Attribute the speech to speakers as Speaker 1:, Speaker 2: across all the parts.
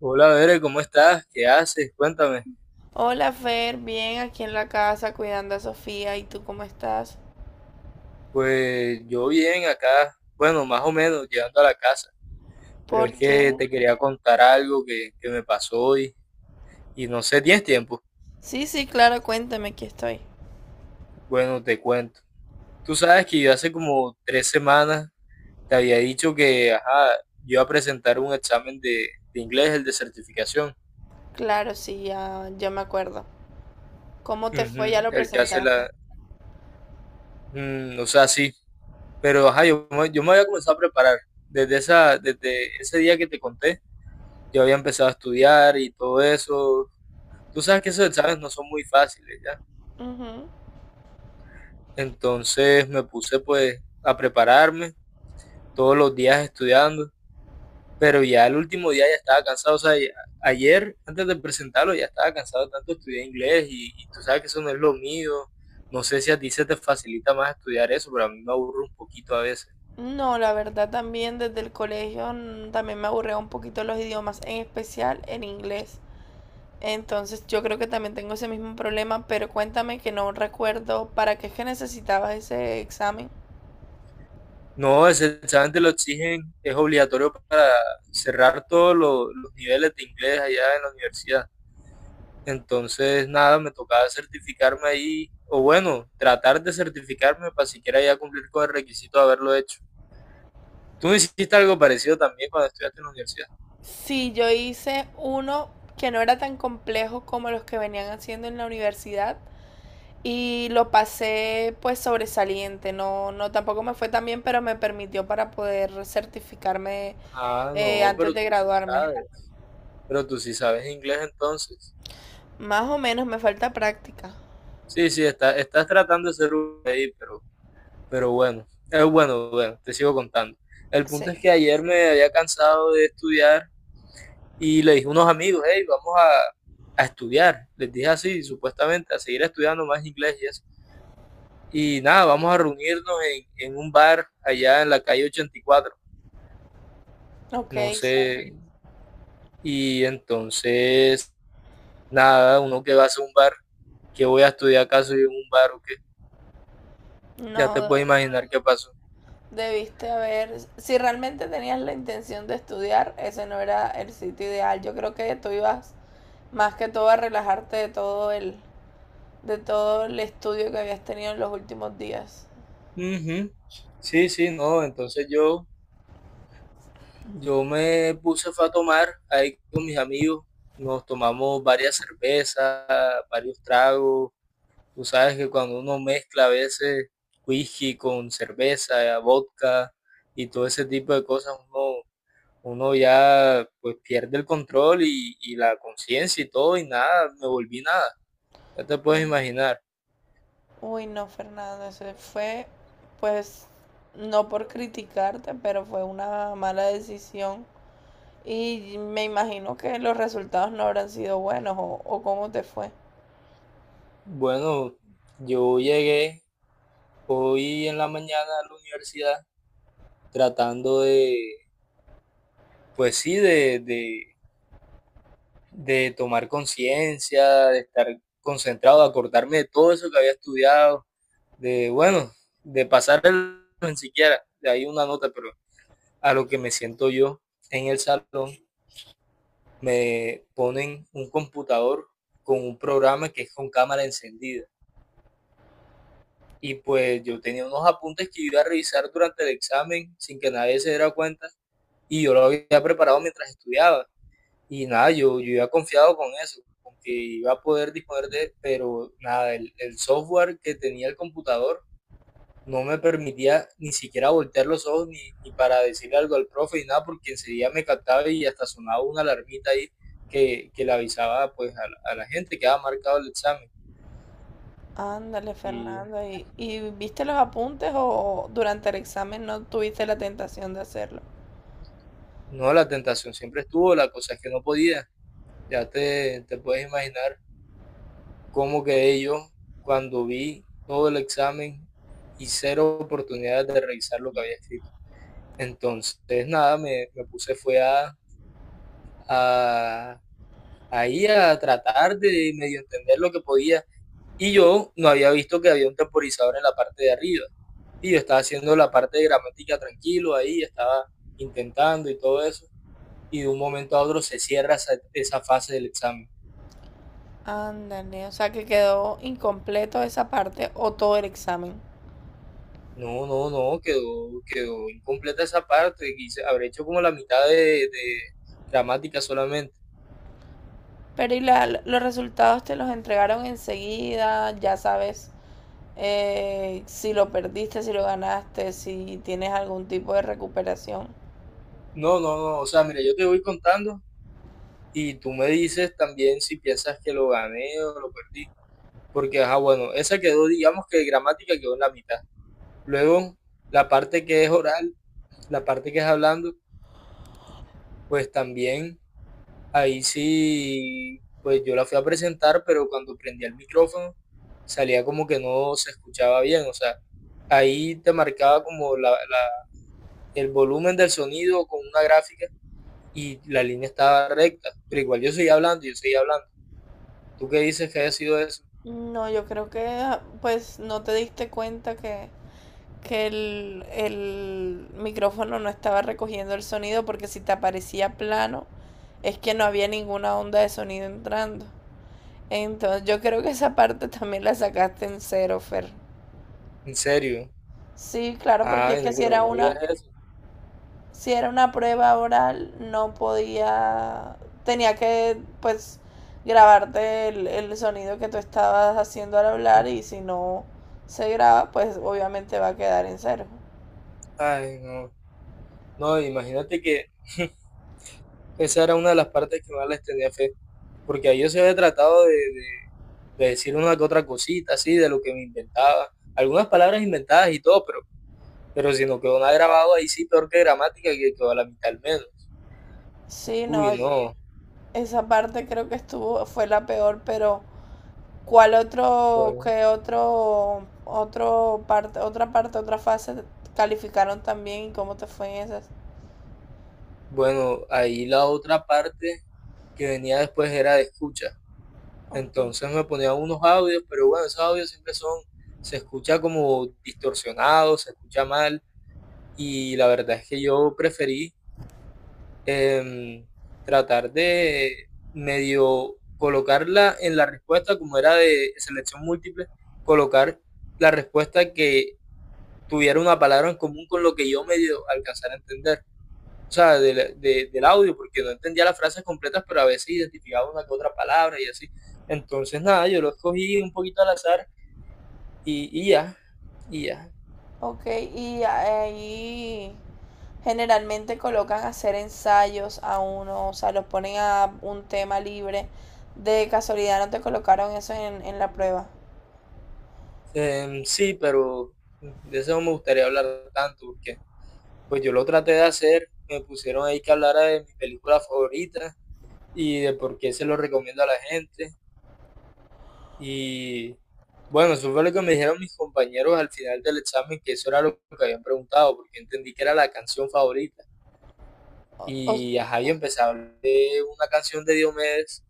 Speaker 1: Hola, Bere, ¿cómo estás? ¿Qué haces? Cuéntame.
Speaker 2: Hola Fer, bien aquí en la casa cuidando a Sofía. ¿Y tú cómo estás?
Speaker 1: Pues yo bien acá, bueno, más o menos, llegando a la casa. Pero es
Speaker 2: ¿Por qué?
Speaker 1: que te quería contar algo que me pasó hoy y no sé, ¿tienes tiempo?
Speaker 2: Sí, sí, claro, cuéntame, aquí estoy.
Speaker 1: Bueno, te cuento. Tú sabes que yo hace como 3 semanas te había dicho que, ajá, yo iba a presentar un examen de inglés, el de certificación.
Speaker 2: Claro, sí, ya me acuerdo. ¿Cómo te fue? ¿Ya
Speaker 1: Ujú,
Speaker 2: lo
Speaker 1: el que hace la...
Speaker 2: presentaste?
Speaker 1: o sea, sí. Pero, ajá, yo me había comenzado a preparar desde ese día que te conté. Yo había empezado a estudiar y todo eso. Tú sabes que esos exámenes no son muy fáciles, ¿ya?
Speaker 2: Ujú.
Speaker 1: Entonces me puse pues a prepararme todos los días estudiando, pero ya el último día ya estaba cansado, o sea, ayer antes de presentarlo ya estaba cansado de tanto estudiar inglés y tú sabes que eso no es lo mío. No sé si a ti se te facilita más estudiar eso, pero a mí me aburre un poquito a veces.
Speaker 2: No, la verdad también desde el colegio también me aburría un poquito los idiomas, en especial el inglés. Entonces yo creo que también tengo ese mismo problema, pero cuéntame que no recuerdo para qué es que necesitabas ese examen.
Speaker 1: No, ese examen te lo exigen, es obligatorio para cerrar todos los niveles de inglés allá en la universidad. Entonces, nada, me tocaba certificarme ahí, o bueno, tratar de certificarme para siquiera ya cumplir con el requisito de haberlo hecho. Tú hiciste algo parecido también cuando estudiaste en la universidad.
Speaker 2: Sí, yo hice uno que no era tan complejo como los que venían haciendo en la universidad y lo pasé pues sobresaliente, no, no tampoco me fue tan bien, pero me permitió para poder certificarme
Speaker 1: Ah, no, pero
Speaker 2: antes de
Speaker 1: tú sí
Speaker 2: graduarme.
Speaker 1: sabes. Pero tú sí sabes inglés entonces.
Speaker 2: Más o menos me falta práctica.
Speaker 1: Sí, sí, estás tratando de ser un ahí, pero bueno. Bueno, bueno, te sigo contando. El punto es
Speaker 2: Sí,
Speaker 1: que ayer me había cansado de estudiar y le dije a unos amigos, hey, vamos a estudiar. Les dije así, supuestamente, a seguir estudiando más inglés y eso. Y nada, vamos a reunirnos en un bar allá en la calle 84.
Speaker 2: ok,
Speaker 1: No
Speaker 2: sí.
Speaker 1: sé. Y entonces, nada, uno que va a hacer un bar, que voy a estudiar acaso y en un bar o qué. Ya te
Speaker 2: No,
Speaker 1: puedes imaginar qué pasó.
Speaker 2: debiste haber, si realmente tenías la intención de estudiar, ese no era el sitio ideal. Yo creo que tú ibas más que todo a relajarte de todo el estudio que habías tenido en los últimos días.
Speaker 1: Ujú. Sí, sí, no. Entonces yo me puse fue a tomar ahí con mis amigos. Nos tomamos varias cervezas, varios tragos. Tú sabes que cuando uno mezcla a veces whisky con cerveza, vodka y todo ese tipo de cosas, uno ya pues pierde el control y la conciencia y todo y nada, me volví nada. Ya te puedes imaginar.
Speaker 2: Uy, no, Fernando, eso fue, pues, no por criticarte, pero fue una mala decisión. Y me imagino que los resultados no habrán sido buenos o cómo te fue.
Speaker 1: Bueno, yo llegué hoy en la mañana a la universidad tratando de, pues sí, de tomar conciencia, de estar concentrado, de acordarme de todo eso que había estudiado de, bueno, de pasar el ni siquiera, de ahí una nota, pero a lo que me siento yo en el salón, me ponen un computador con un programa que es con cámara encendida. Y pues yo tenía unos apuntes que iba a revisar durante el examen sin que nadie se diera cuenta y yo lo había preparado mientras estudiaba. Y nada, yo iba confiado con eso, con que iba a poder disponer de, pero nada, el software que tenía el computador no me permitía ni siquiera voltear los ojos ni para decirle algo al profe ni nada, porque enseguida me captaba y hasta sonaba una alarmita ahí que le avisaba pues a la gente que había marcado el examen.
Speaker 2: Ándale,
Speaker 1: Y
Speaker 2: Fernando. Y viste los apuntes o durante el examen no tuviste la tentación de hacerlo?
Speaker 1: no, la tentación siempre estuvo, la cosa es que no podía. Ya te puedes imaginar cómo quedé yo cuando vi todo el examen y cero oportunidades de revisar lo que había escrito. Entonces, nada, me puse fue a, ahí a tratar de medio entender lo que podía. Y yo no había visto que había un temporizador en la parte de arriba. Y yo estaba haciendo la parte de gramática tranquilo ahí, estaba intentando y todo eso. Y de un momento a otro se cierra esa fase del examen.
Speaker 2: Ándale, o sea que quedó incompleto esa parte o todo el examen.
Speaker 1: No, no, no, quedó incompleta esa parte. Quise, habré hecho como la mitad de gramática solamente.
Speaker 2: Pero y la- los resultados te los entregaron enseguida, ya sabes si lo perdiste, si lo ganaste, si tienes algún tipo de recuperación.
Speaker 1: No, no, no. O sea, mira, yo te voy contando y tú me dices también si piensas que lo gané o lo perdí. Porque, ajá, bueno, esa quedó, digamos que gramática quedó en la mitad. Luego, la parte que es oral, la parte que es hablando, pues también ahí sí, pues yo la fui a presentar, pero cuando prendía el micrófono salía como que no se escuchaba bien, o sea, ahí te marcaba como el volumen del sonido con una gráfica y la línea estaba recta, pero igual yo seguía hablando, yo seguía hablando. ¿Tú qué dices que haya sido eso?
Speaker 2: No, yo creo que pues no te diste cuenta que el micrófono no estaba recogiendo el sonido porque si te aparecía plano es que no había ninguna onda de sonido entrando. Entonces yo creo que esa parte también la sacaste en cero, Fer.
Speaker 1: ¿En serio?
Speaker 2: Sí, claro, porque es
Speaker 1: Ay,
Speaker 2: que
Speaker 1: no,
Speaker 2: si
Speaker 1: pero
Speaker 2: era
Speaker 1: no me digas
Speaker 2: una...
Speaker 1: eso.
Speaker 2: si era una prueba oral, no podía, tenía que pues grabarte el sonido que tú estabas haciendo al hablar y si no se graba, pues obviamente va a quedar en cero.
Speaker 1: Ay, no. No, imagínate que esa era una de las partes que más les tenía fe, porque ahí yo se había tratado de, decir una que otra cosita, así, de lo que me inventaba, algunas palabras inventadas y todo, pero si no quedó nada grabado, ahí sí, peor que gramática, que quedó a la mitad al menos.
Speaker 2: Sí,
Speaker 1: Uy,
Speaker 2: no, yo-
Speaker 1: no,
Speaker 2: esa parte creo que estuvo, fue la peor, pero ¿cuál otro,
Speaker 1: bueno,
Speaker 2: qué otro, otro parte, otra fase calificaron también y cómo te fue en esas?
Speaker 1: bueno, ahí la otra parte que venía después era de escucha,
Speaker 2: Ok.
Speaker 1: entonces me ponía unos audios, pero bueno, esos audios siempre son, se escucha como distorsionado, se escucha mal, y la verdad es que yo preferí em, tratar de medio colocarla en la respuesta, como era de selección múltiple, colocar la respuesta que tuviera una palabra en común con lo que yo medio alcanzara a entender. O sea, del audio, porque no entendía las frases completas, pero a veces identificaba una que otra palabra y así. Entonces, nada, yo lo escogí un poquito al azar y ya, y ya.
Speaker 2: Ok, y ahí generalmente colocan a hacer ensayos a uno, o sea, los ponen a un tema libre. De casualidad no te colocaron eso en la prueba.
Speaker 1: Sí, pero de eso no me gustaría hablar tanto, porque pues yo lo traté de hacer, me pusieron ahí que hablara de mi película favorita y de por qué se lo recomiendo a la gente. Y bueno, eso fue lo que me dijeron mis compañeros al final del examen, que eso era lo que habían preguntado, porque entendí que era la canción favorita.
Speaker 2: O-
Speaker 1: Y ajá, yo empecé a hablar de una canción de Diomedes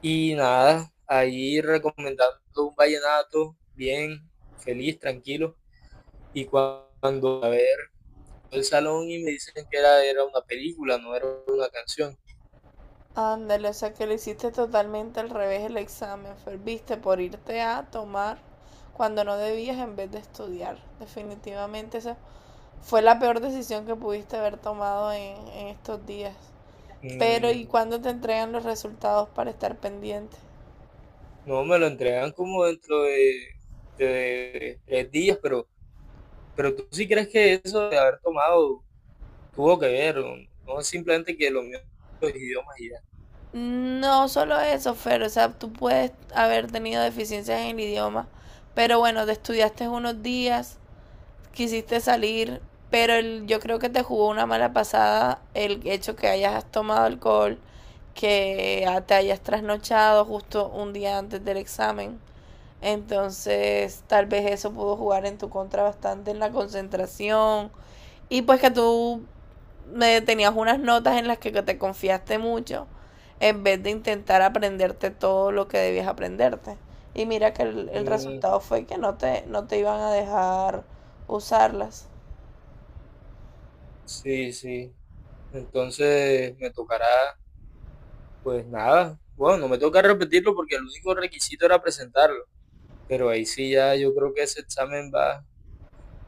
Speaker 1: y nada, ahí recomendando un vallenato, bien, feliz, tranquilo. Y cuando a ver el salón y me dicen que era, una película, no era una canción.
Speaker 2: ándale, o sea que le hiciste totalmente al revés el examen. Ferviste por irte a tomar cuando no debías en vez de estudiar. Definitivamente esa fue la peor decisión que pudiste haber tomado en estos días. Pero
Speaker 1: Mm,
Speaker 2: ¿y cuándo te entregan los resultados para estar pendiente?
Speaker 1: no, me lo entregan como dentro de 3 días, pero tú sí crees que eso de haber tomado tuvo que ver, o no es simplemente que lo mío son los idiomas y ya.
Speaker 2: No solo eso, Fer, o sea, tú puedes haber tenido deficiencias en el idioma, pero bueno, te estudiaste unos días, quisiste salir, pero el- yo creo que te jugó una mala pasada el hecho que hayas tomado alcohol, que te hayas trasnochado justo un día antes del examen. Entonces, tal vez eso pudo jugar en tu contra bastante en la concentración. Y pues que tú me tenías unas notas en las que te confiaste mucho en vez de intentar aprenderte todo lo que debías aprenderte. Y mira que el
Speaker 1: Mm,
Speaker 2: resultado fue que no te iban a dejar usarlas.
Speaker 1: sí, sí. Entonces me tocará, pues nada. Bueno, no me toca repetirlo porque el único requisito era presentarlo, pero ahí sí ya yo creo que ese examen va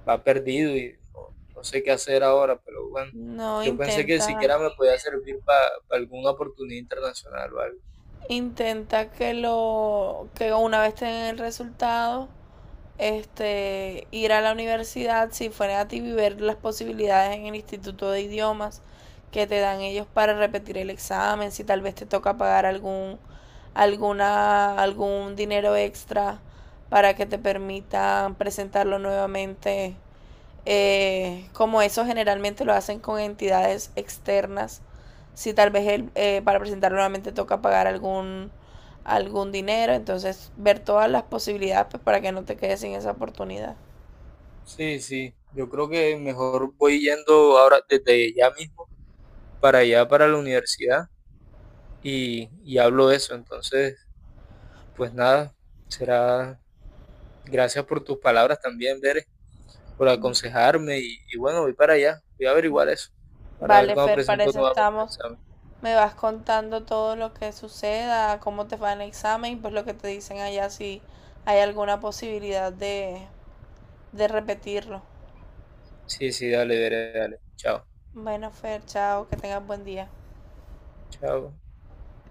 Speaker 1: va perdido y no sé qué hacer ahora, pero bueno,
Speaker 2: No,
Speaker 1: yo pensé que
Speaker 2: intenta,
Speaker 1: siquiera me podía servir para alguna oportunidad internacional o algo.
Speaker 2: intenta que lo, que una vez tengan el resultado, este, ir a la universidad si fuera a ti y ver las posibilidades en el Instituto de Idiomas que te dan ellos para repetir el examen, si tal vez te toca pagar algún, alguna, algún dinero extra para que te permitan presentarlo nuevamente como eso generalmente lo hacen con entidades externas, si tal vez el, para presentarlo nuevamente toca pagar algún, algún dinero, entonces ver todas las posibilidades pues, para que no te quedes sin esa oportunidad.
Speaker 1: Sí, sí, yo creo que mejor voy yendo ahora desde ya mismo para allá, para la universidad y hablo de eso. Entonces, pues nada, será gracias por tus palabras también, Bere, por aconsejarme y bueno, voy para allá, voy a averiguar eso para ver
Speaker 2: Vale,
Speaker 1: cuándo
Speaker 2: Fer, para
Speaker 1: presento
Speaker 2: eso
Speaker 1: nuevamente el
Speaker 2: estamos.
Speaker 1: examen.
Speaker 2: Me vas contando todo lo que suceda, cómo te va en el examen, y pues lo que te dicen allá, si hay alguna posibilidad de repetirlo.
Speaker 1: Sí, sí, dale, Bere, dale. Chao,
Speaker 2: Bueno, Fer, chao, que tengas buen día.
Speaker 1: chao.